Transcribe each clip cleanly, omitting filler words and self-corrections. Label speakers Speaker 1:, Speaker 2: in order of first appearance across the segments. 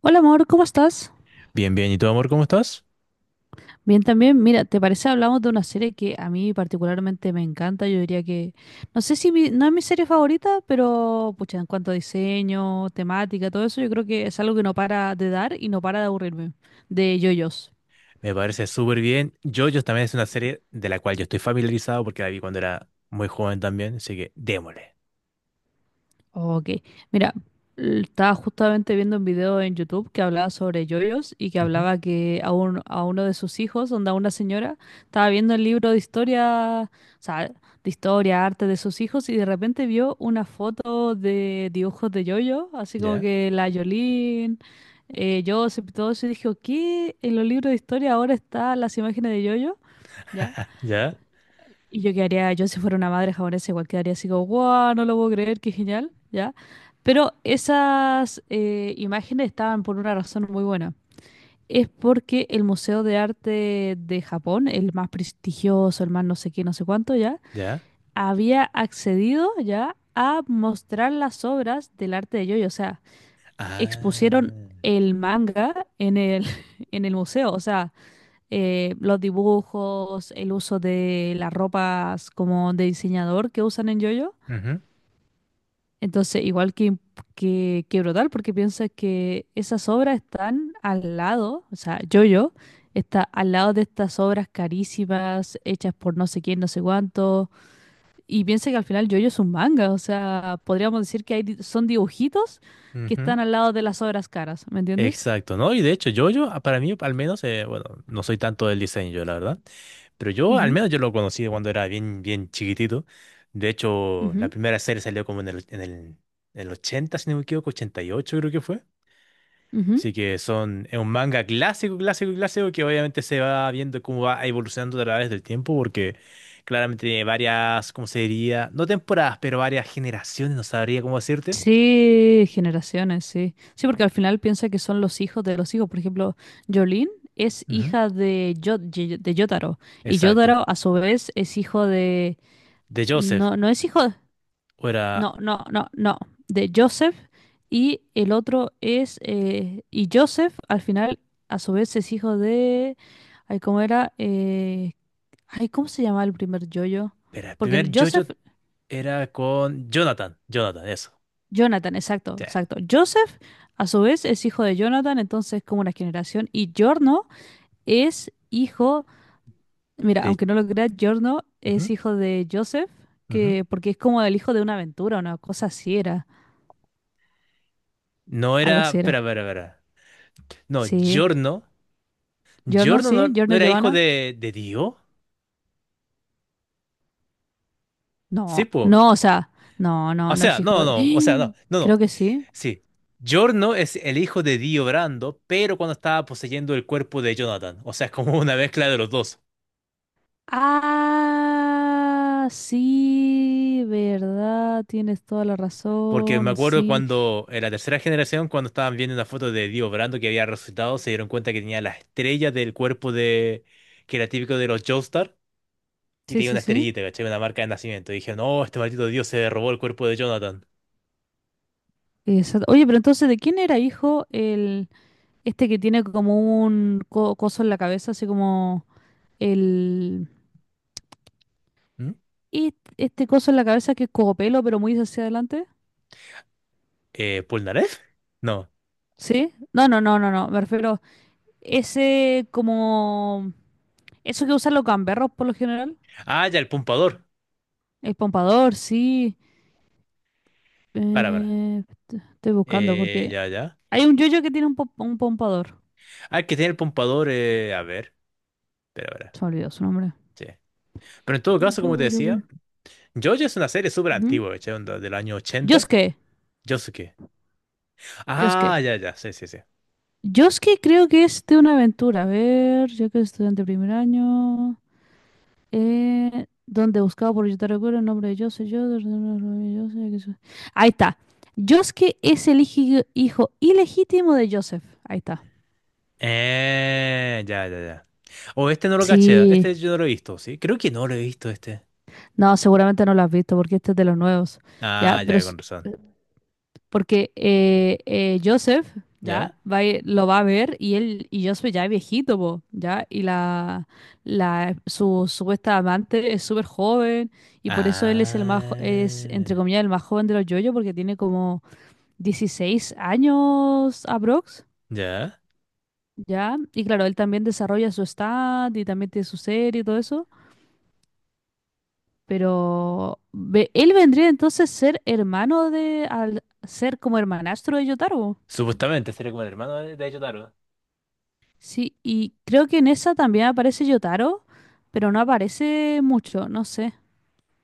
Speaker 1: Hola amor, ¿cómo estás?
Speaker 2: Bien, bien. ¿Y tú, amor, cómo estás?
Speaker 1: Bien también. Mira, ¿te parece hablamos de una serie que a mí particularmente me encanta? Yo diría que, no sé si no es mi serie favorita, pero pucha, en cuanto a diseño, temática, todo eso, yo creo que es algo que no para de dar y no para de aburrirme. De JoJo's.
Speaker 2: Me parece súper bien. JoJo's también es una serie de la cual yo estoy familiarizado porque la vi cuando era muy joven también, así que démosle.
Speaker 1: Ok, mira, estaba justamente viendo un video en YouTube que hablaba sobre yoyos y que
Speaker 2: Ujú.
Speaker 1: hablaba que a uno de sus hijos, donde a una señora, estaba viendo el libro de historia, o sea, de historia, arte de sus hijos y de repente vio una foto de dibujos de yoyo, así como
Speaker 2: ¿Ya?
Speaker 1: que la Yolín, Joseph y todo eso y dijo, ¿qué? En los libros de historia ahora están las imágenes de yoyo, ¿ya?
Speaker 2: ¿Ya?
Speaker 1: Y yo quedaría, yo si fuera una madre japonesa, igual quedaría así como, wow, no lo puedo creer, qué genial, ¿ya? Pero esas imágenes estaban por una razón muy buena. Es porque el Museo de Arte de Japón, el más prestigioso, el más no sé qué, no sé cuánto, ¿ya?
Speaker 2: ¿Ya?
Speaker 1: Había accedido, ¿ya?, a mostrar las obras del arte de Yoyo. O sea, expusieron
Speaker 2: Ah.
Speaker 1: el manga en el, en el museo. O sea, los dibujos, el uso de las ropas como de diseñador que usan en JoJo.
Speaker 2: Ujú,
Speaker 1: Entonces, igual que brutal, porque piensa que esas obras están al lado, o sea, JoJo está al lado de estas obras carísimas, hechas por no sé quién, no sé cuánto, y piensa que al final JoJo es un manga, o sea, podríamos decir que son dibujitos que
Speaker 2: ujú.
Speaker 1: están al lado de las obras caras, ¿me entiendes?
Speaker 2: Exacto, ¿no? Y de hecho, JoJo, para mí, al menos, bueno, no soy tanto del diseño, yo, la verdad, pero yo, al
Speaker 1: Ujú,
Speaker 2: menos, yo lo conocí cuando era bien, bien chiquitito. De hecho, la
Speaker 1: ujú,
Speaker 2: primera serie salió como en el 80, si no me equivoco, 88 creo que fue.
Speaker 1: ujú.
Speaker 2: Así que es un manga clásico, clásico, clásico que obviamente se va viendo cómo va evolucionando a través del tiempo porque claramente tiene varias, ¿cómo se diría? No temporadas, pero varias generaciones, no sabría cómo decirte.
Speaker 1: Sí, generaciones, sí. Sí, porque al final piensa que son los hijos de los hijos. Por ejemplo, Jolene es
Speaker 2: Ujú.
Speaker 1: hija de, de Jotaro. Y
Speaker 2: Exacto.
Speaker 1: Jotaro, a su vez, es hijo de...
Speaker 2: De Joseph.
Speaker 1: No, no es hijo...
Speaker 2: O era,
Speaker 1: No, no, no, no. De Joseph. Y el otro es... y Joseph, al final, a su vez, es hijo de... Ay, ¿cómo era? Ay, ¿cómo se llama el primer yoyo?
Speaker 2: era, el
Speaker 1: Porque
Speaker 2: primer
Speaker 1: Joseph
Speaker 2: JoJo era con Jonathan. Jonathan, eso.
Speaker 1: Jonathan, exacto,
Speaker 2: Sí.
Speaker 1: exacto. Joseph, a su vez, es hijo de Jonathan, entonces como una generación. Y Giorno es hijo, mira,
Speaker 2: De-
Speaker 1: aunque no lo creas, Giorno
Speaker 2: Ujú,
Speaker 1: es hijo de Joseph,
Speaker 2: ujú.
Speaker 1: que porque es como el hijo de una aventura, una cosa así era,
Speaker 2: No era,
Speaker 1: algo así
Speaker 2: espera,
Speaker 1: era.
Speaker 2: espera, espera. No,
Speaker 1: Sí,
Speaker 2: Giorno. Giorno no,
Speaker 1: Sí,
Speaker 2: no
Speaker 1: Giorno
Speaker 2: era hijo
Speaker 1: Giovanna.
Speaker 2: de Dio. Sí,
Speaker 1: No,
Speaker 2: po.
Speaker 1: no, o sea, no,
Speaker 2: O
Speaker 1: no, no es
Speaker 2: sea,
Speaker 1: hijo
Speaker 2: no,
Speaker 1: de...
Speaker 2: no, o sea, no, no, no.
Speaker 1: Creo que sí.
Speaker 2: Sí, Giorno es el hijo de Dio Brando, pero cuando estaba poseyendo el cuerpo de Jonathan. O sea, es como una mezcla de los dos.
Speaker 1: Ah, sí, verdad, tienes toda la
Speaker 2: Porque me
Speaker 1: razón,
Speaker 2: acuerdo
Speaker 1: sí,
Speaker 2: cuando, en la tercera generación, cuando estaban viendo una foto de Dio Brando que había resucitado, se dieron cuenta que tenía la estrella del cuerpo de que era típico de los Joestar, y
Speaker 1: sí,
Speaker 2: tenía
Speaker 1: sí,
Speaker 2: una
Speaker 1: sí.
Speaker 2: estrellita, ¿cachai? Una marca de nacimiento. Y dijeron, no, este maldito Dio se robó el cuerpo de Jonathan.
Speaker 1: Exacto. Oye, pero entonces, ¿de quién era hijo el este que tiene como un coso en la cabeza, así como el
Speaker 2: ¿Mm?
Speaker 1: y este coso en la cabeza que es cogopelo, pero muy hacia adelante?
Speaker 2: ¿Polnareff? No.
Speaker 1: ¿Sí? No, no, no, no, no. Me refiero ese como eso que usan los gamberros por lo general,
Speaker 2: Ah, ya, el pompador.
Speaker 1: el pompador, sí.
Speaker 2: Para, para.
Speaker 1: Estoy buscando
Speaker 2: Eh,
Speaker 1: porque
Speaker 2: ya, ya.
Speaker 1: hay un yoyo que tiene un pompador.
Speaker 2: Ah, el que tiene el pompador, a ver. Espera, espera.
Speaker 1: Se me olvidó su nombre.
Speaker 2: Sí. Pero en todo caso, como te
Speaker 1: Yo.
Speaker 2: decía, JoJo es una serie súper
Speaker 1: Ujú.
Speaker 2: antigua, ¿cachai? Onda del año 80.
Speaker 1: Yosuke.
Speaker 2: Yosuke.
Speaker 1: Yosuke.
Speaker 2: Ah, ya, ya, sí, sí, sí.
Speaker 1: Yo es que creo que es de una aventura. A ver, yo que soy estudiante de primer año. Donde buscado por yo te recuerdo el nombre de yo soy yo. Ahí está. Yosuke es el hijo ilegítimo de Joseph. Ahí está.
Speaker 2: Ya, ya, ya. O este no lo caché,
Speaker 1: Sí.
Speaker 2: este yo no lo he visto, ¿sí? Creo que no lo he visto este.
Speaker 1: No, seguramente no lo has visto porque este es de los nuevos. Ya,
Speaker 2: Ah,
Speaker 1: pero
Speaker 2: ya,
Speaker 1: s-
Speaker 2: con razón.
Speaker 1: Porque Joseph ya
Speaker 2: ¿Ya?
Speaker 1: va, lo va a ver y él y Joseph ya es viejito, po, ya, y la su supuesta amante es súper joven y por eso él es es entre
Speaker 2: Ah,
Speaker 1: comillas el más joven de los yoyos porque tiene como 16 años aprox,
Speaker 2: ya.
Speaker 1: ya, y claro, él también desarrolla su stand y también tiene su serie y todo eso, él vendría entonces a ser hermano de al ser como hermanastro de Yotaro.
Speaker 2: Supuestamente sería como el hermano de Yotaro.
Speaker 1: Sí, y creo que en esa también aparece Yotaro, pero no aparece mucho, no sé,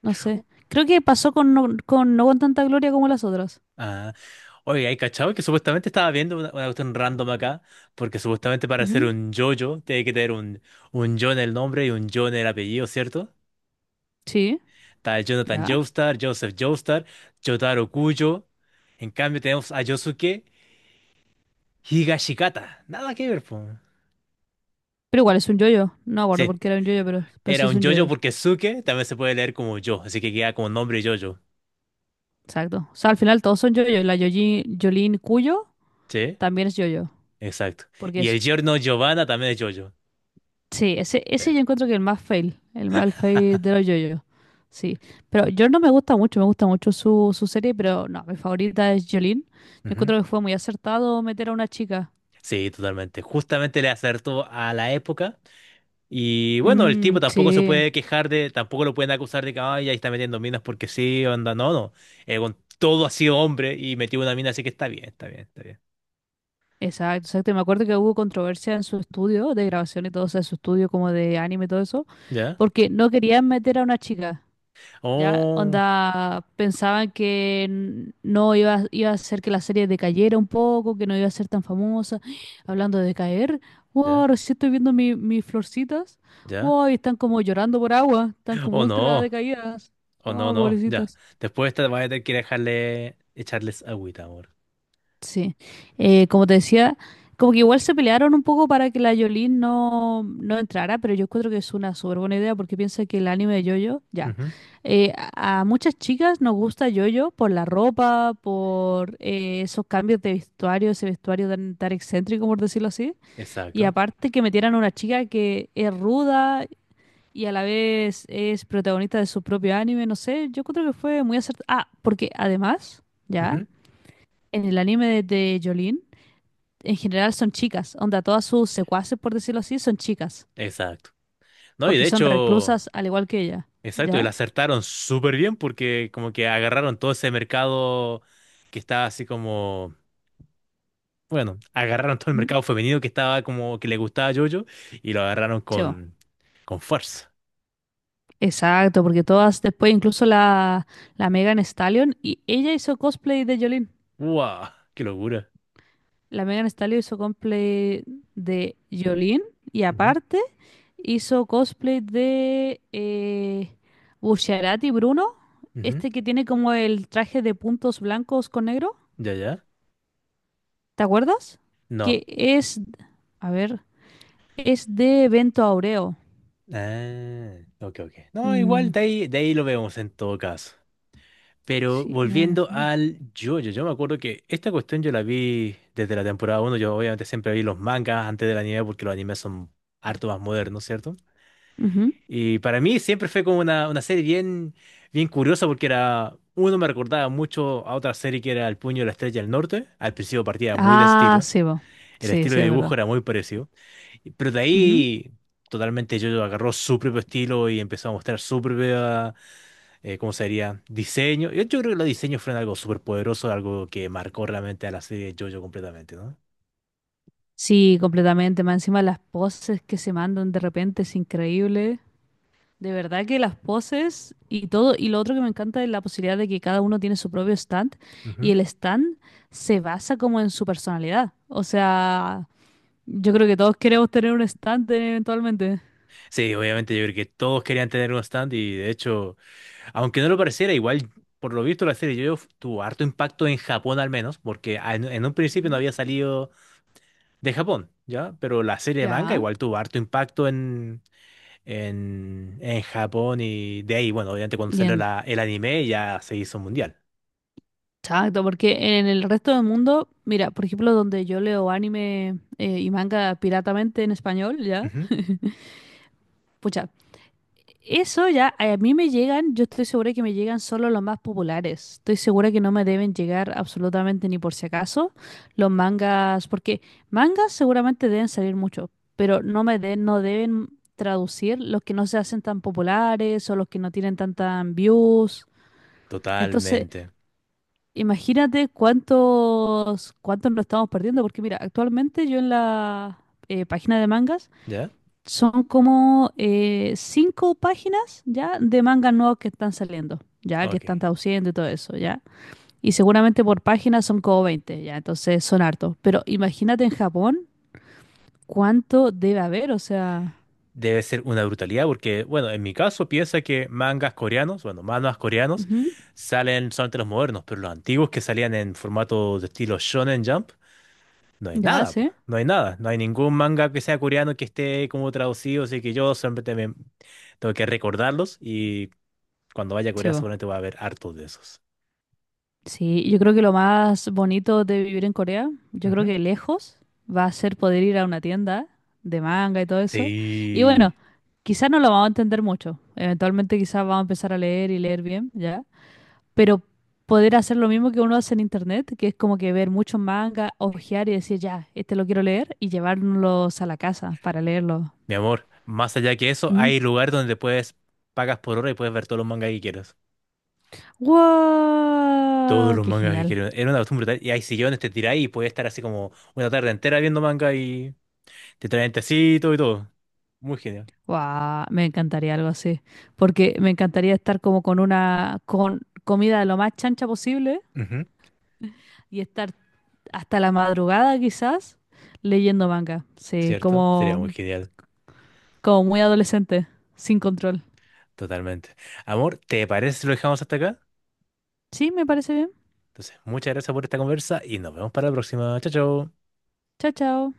Speaker 1: no
Speaker 2: Uh,
Speaker 1: sé. Creo que pasó con No, con, No con tanta gloria como las otras.
Speaker 2: Ah, oye, ¿hay cachado que supuestamente estaba viendo una cuestión random acá? Porque supuestamente para ser
Speaker 1: Ujú,
Speaker 2: un JoJo tiene que tener un yo en el nombre y un yo en el apellido, ¿cierto?
Speaker 1: sí,
Speaker 2: Está Jonathan
Speaker 1: ya.
Speaker 2: Joestar, Joseph Joestar, Jotaro Kujo. En cambio tenemos a Yosuke Higashikata. Nada que ver, po.
Speaker 1: Pero igual es un yoyo. No acuerdo por
Speaker 2: Sí,
Speaker 1: qué era un yoyo, pero sí
Speaker 2: era
Speaker 1: es
Speaker 2: un
Speaker 1: un
Speaker 2: Jojo
Speaker 1: yoyo.
Speaker 2: porque Suke también se puede leer como yo, así que queda como nombre Jojo.
Speaker 1: Exacto. O sea, al final todos son yoyo. La Yolin Cuyo
Speaker 2: Sí,
Speaker 1: también es yoyo,
Speaker 2: exacto.
Speaker 1: porque
Speaker 2: Y
Speaker 1: es.
Speaker 2: el giorno Giovanna también es Jojo.
Speaker 1: Sí, ese,
Speaker 2: Sí.
Speaker 1: ese yo encuentro que el más fail de los yoyos. Sí, pero yo no me gusta mucho, me gusta mucho su serie, pero no, mi favorita es Jolene. Yo
Speaker 2: Ujú.
Speaker 1: encuentro que fue muy acertado meter a una chica.
Speaker 2: Sí, totalmente. Justamente le acertó a la época. Y bueno, el
Speaker 1: Mm,
Speaker 2: tipo tampoco se
Speaker 1: sí,
Speaker 2: puede quejar de, tampoco lo pueden acusar de que, ay, ahí está metiendo minas porque sí, onda, no, no. Con todo ha sido hombre y metió una mina, así que está bien, está bien, está bien.
Speaker 1: exacto, exacto. Y me acuerdo que hubo controversia en su estudio de grabación y todo, o sea, su estudio como de anime y todo eso,
Speaker 2: ¿Ya?
Speaker 1: porque no querían meter a una chica. Ya,
Speaker 2: Oh,
Speaker 1: onda, pensaban que no iba a hacer que la serie decayera un poco, que no iba a ser tan famosa. Hablando de caer,
Speaker 2: ya,
Speaker 1: wow, recién estoy viendo mis florcitas.
Speaker 2: ya.
Speaker 1: Wow, y están como llorando por agua, están como
Speaker 2: Oh,
Speaker 1: ultra
Speaker 2: no,
Speaker 1: decaídas.
Speaker 2: oh, no,
Speaker 1: Wow,
Speaker 2: no, ya.
Speaker 1: pobrecitas.
Speaker 2: Después te vas a tener que dejarle, echarles agüita, amor.
Speaker 1: Sí, como te decía, como que igual se pelearon un poco para que la Yolene no entrara, pero yo encuentro que es una súper buena idea porque piensa que el anime de JoJo, ya,
Speaker 2: Ujú.
Speaker 1: a muchas chicas nos gusta JoJo por la ropa, por esos cambios de vestuario, ese vestuario tan, tan excéntrico, por decirlo así, y
Speaker 2: Exacto.
Speaker 1: aparte que metieran a una chica que es ruda y a la vez es protagonista de su propio anime, no sé, yo creo que fue muy acertado. Ah, porque además, ya,
Speaker 2: Ujú.
Speaker 1: en el anime de, Yolene, en general son chicas, onda, todas sus secuaces, por decirlo así, son chicas,
Speaker 2: Exacto. No, y
Speaker 1: porque
Speaker 2: de
Speaker 1: son
Speaker 2: hecho,
Speaker 1: reclusas al igual que ella,
Speaker 2: exacto, y
Speaker 1: ¿ya?
Speaker 2: la acertaron súper bien porque como que agarraron todo ese mercado que está así como bueno, agarraron todo el
Speaker 1: Mm.
Speaker 2: mercado femenino que estaba como que le gustaba a JoJo y lo agarraron
Speaker 1: Chevo.
Speaker 2: con fuerza.
Speaker 1: Exacto, porque todas, después incluso la Megan Stallion, y ella hizo cosplay de Jolene.
Speaker 2: ¡Wow! ¡Qué locura!
Speaker 1: La Megan Stallion hizo cosplay de Jolene, y
Speaker 2: Ujú,
Speaker 1: aparte hizo cosplay de Bucciarati Bruno,
Speaker 2: ujú.
Speaker 1: este que tiene como el traje de puntos blancos con negro,
Speaker 2: ¿Ya, ya?
Speaker 1: ¿te acuerdas?
Speaker 2: No.
Speaker 1: Que es, a ver. Es de Evento Aureo.
Speaker 2: Ah, ok, ok. No,
Speaker 1: Mm,
Speaker 2: igual de ahí, lo vemos en todo caso. Pero
Speaker 1: sí, me van a
Speaker 2: volviendo
Speaker 1: estar.
Speaker 2: al JoJo, yo me acuerdo que esta cuestión yo la vi desde la temporada uno. Yo obviamente siempre vi los mangas antes del anime porque los animes son harto más modernos, ¿cierto?
Speaker 1: Ujú.
Speaker 2: Y para mí siempre fue como una serie bien, bien curiosa porque era, uno me recordaba mucho a otra serie que era El Puño de la Estrella del Norte. Al principio partía muy de ese
Speaker 1: Ah,
Speaker 2: estilo,
Speaker 1: sí, bo.
Speaker 2: el
Speaker 1: Sí,
Speaker 2: estilo
Speaker 1: sí,
Speaker 2: de
Speaker 1: es
Speaker 2: dibujo
Speaker 1: verdad.
Speaker 2: era muy parecido, pero de
Speaker 1: Ujú.
Speaker 2: ahí totalmente yo agarró su propio estilo y empezó a mostrar su propia, ¿cómo sería? Diseño. Yo creo que los diseños fueron algo súper poderoso, algo que marcó realmente a la serie de JoJo completamente, ¿no?
Speaker 1: Sí, completamente. Más encima las poses que se mandan de repente es increíble. De verdad que las poses y todo. Y lo otro que me encanta es la posibilidad de que cada uno tiene su propio stand y
Speaker 2: Ujú.
Speaker 1: el stand se basa como en su personalidad. O sea, yo creo que todos queremos tener un stand eventualmente.
Speaker 2: Sí, obviamente yo creo que todos querían tener un stand y de hecho, aunque no lo pareciera, igual por lo visto la serie yo tuvo harto impacto en Japón al menos, porque en un principio no
Speaker 1: Ujú.
Speaker 2: había salido de Japón, ¿ya? Pero la serie de manga
Speaker 1: Ya.
Speaker 2: igual tuvo harto impacto en, en Japón y de ahí, bueno, obviamente cuando salió
Speaker 1: Bien,
Speaker 2: el anime ya se hizo mundial.
Speaker 1: exacto, porque en el resto del mundo, mira, por ejemplo, donde yo leo anime y manga piratamente en español, ¿ya?
Speaker 2: Ujú.
Speaker 1: Pucha, eso ya a mí me llegan, yo estoy segura que me llegan solo los más populares. Estoy segura que no me deben llegar absolutamente ni por si acaso los mangas, porque mangas seguramente deben salir mucho, pero no deben traducir los que no se hacen tan populares o los que no tienen tantas views. Entonces
Speaker 2: Totalmente,
Speaker 1: imagínate cuántos, cuántos nos estamos perdiendo, porque mira, actualmente yo en la página de mangas
Speaker 2: ¿ya?
Speaker 1: son como 5 páginas ya de mangas nuevos que están saliendo, ya que
Speaker 2: Ok.
Speaker 1: están traduciendo y todo eso, ya. Y seguramente por página son como 20, ya, entonces son hartos. Pero imagínate en Japón cuánto debe haber, o sea,
Speaker 2: Debe ser una brutalidad porque, bueno, en mi caso piensa que mangas coreanos, bueno, mangas coreanos,
Speaker 1: ujú,
Speaker 2: salen solamente los modernos, pero los antiguos que salían en formato de estilo Shonen Jump. No hay
Speaker 1: ya
Speaker 2: nada, po.
Speaker 1: sé.
Speaker 2: No hay nada. No hay ningún manga que sea coreano que esté como traducido, así que yo siempre tengo que recordarlos y cuando vaya a Corea seguramente voy a ver hartos de esos.
Speaker 1: Sí, yo creo que lo más bonito de vivir en Corea, yo creo
Speaker 2: Ujú.
Speaker 1: que lejos va a ser poder ir a una tienda de manga y todo eso. Y bueno,
Speaker 2: Sí,
Speaker 1: quizás no lo vamos a entender mucho. Eventualmente quizás vamos a empezar a leer y leer bien, ¿ya? Pero poder hacer lo mismo que uno hace en internet, que es como que ver muchos mangas, hojear y decir, ya, este lo quiero leer y llevárnoslos a la casa para leerlo.
Speaker 2: mi amor, más allá que eso,
Speaker 1: ¿Mm?
Speaker 2: hay lugar donde puedes, pagas por hora y puedes ver todos los mangas que quieras. Todos
Speaker 1: ¡Wow!
Speaker 2: los
Speaker 1: ¡Qué
Speaker 2: mangas que
Speaker 1: genial!
Speaker 2: quieras. Era una costumbre brutal. Y hay sillones, te tiráis y puedes estar así como una tarde entera viendo manga y te traen tecito y todo. Muy genial.
Speaker 1: Guau, me encantaría algo así, porque me encantaría estar como con una con comida lo más chancha posible
Speaker 2: Ujú.
Speaker 1: y estar hasta la madrugada quizás leyendo manga. Sí,
Speaker 2: ¿Cierto? Sería muy
Speaker 1: como
Speaker 2: genial.
Speaker 1: como muy adolescente, sin control.
Speaker 2: Totalmente. Amor, ¿te parece si lo dejamos hasta acá?
Speaker 1: Sí, me parece bien.
Speaker 2: Entonces, muchas gracias por esta conversa y nos vemos para la próxima. Chao, chao.
Speaker 1: Chao, chao.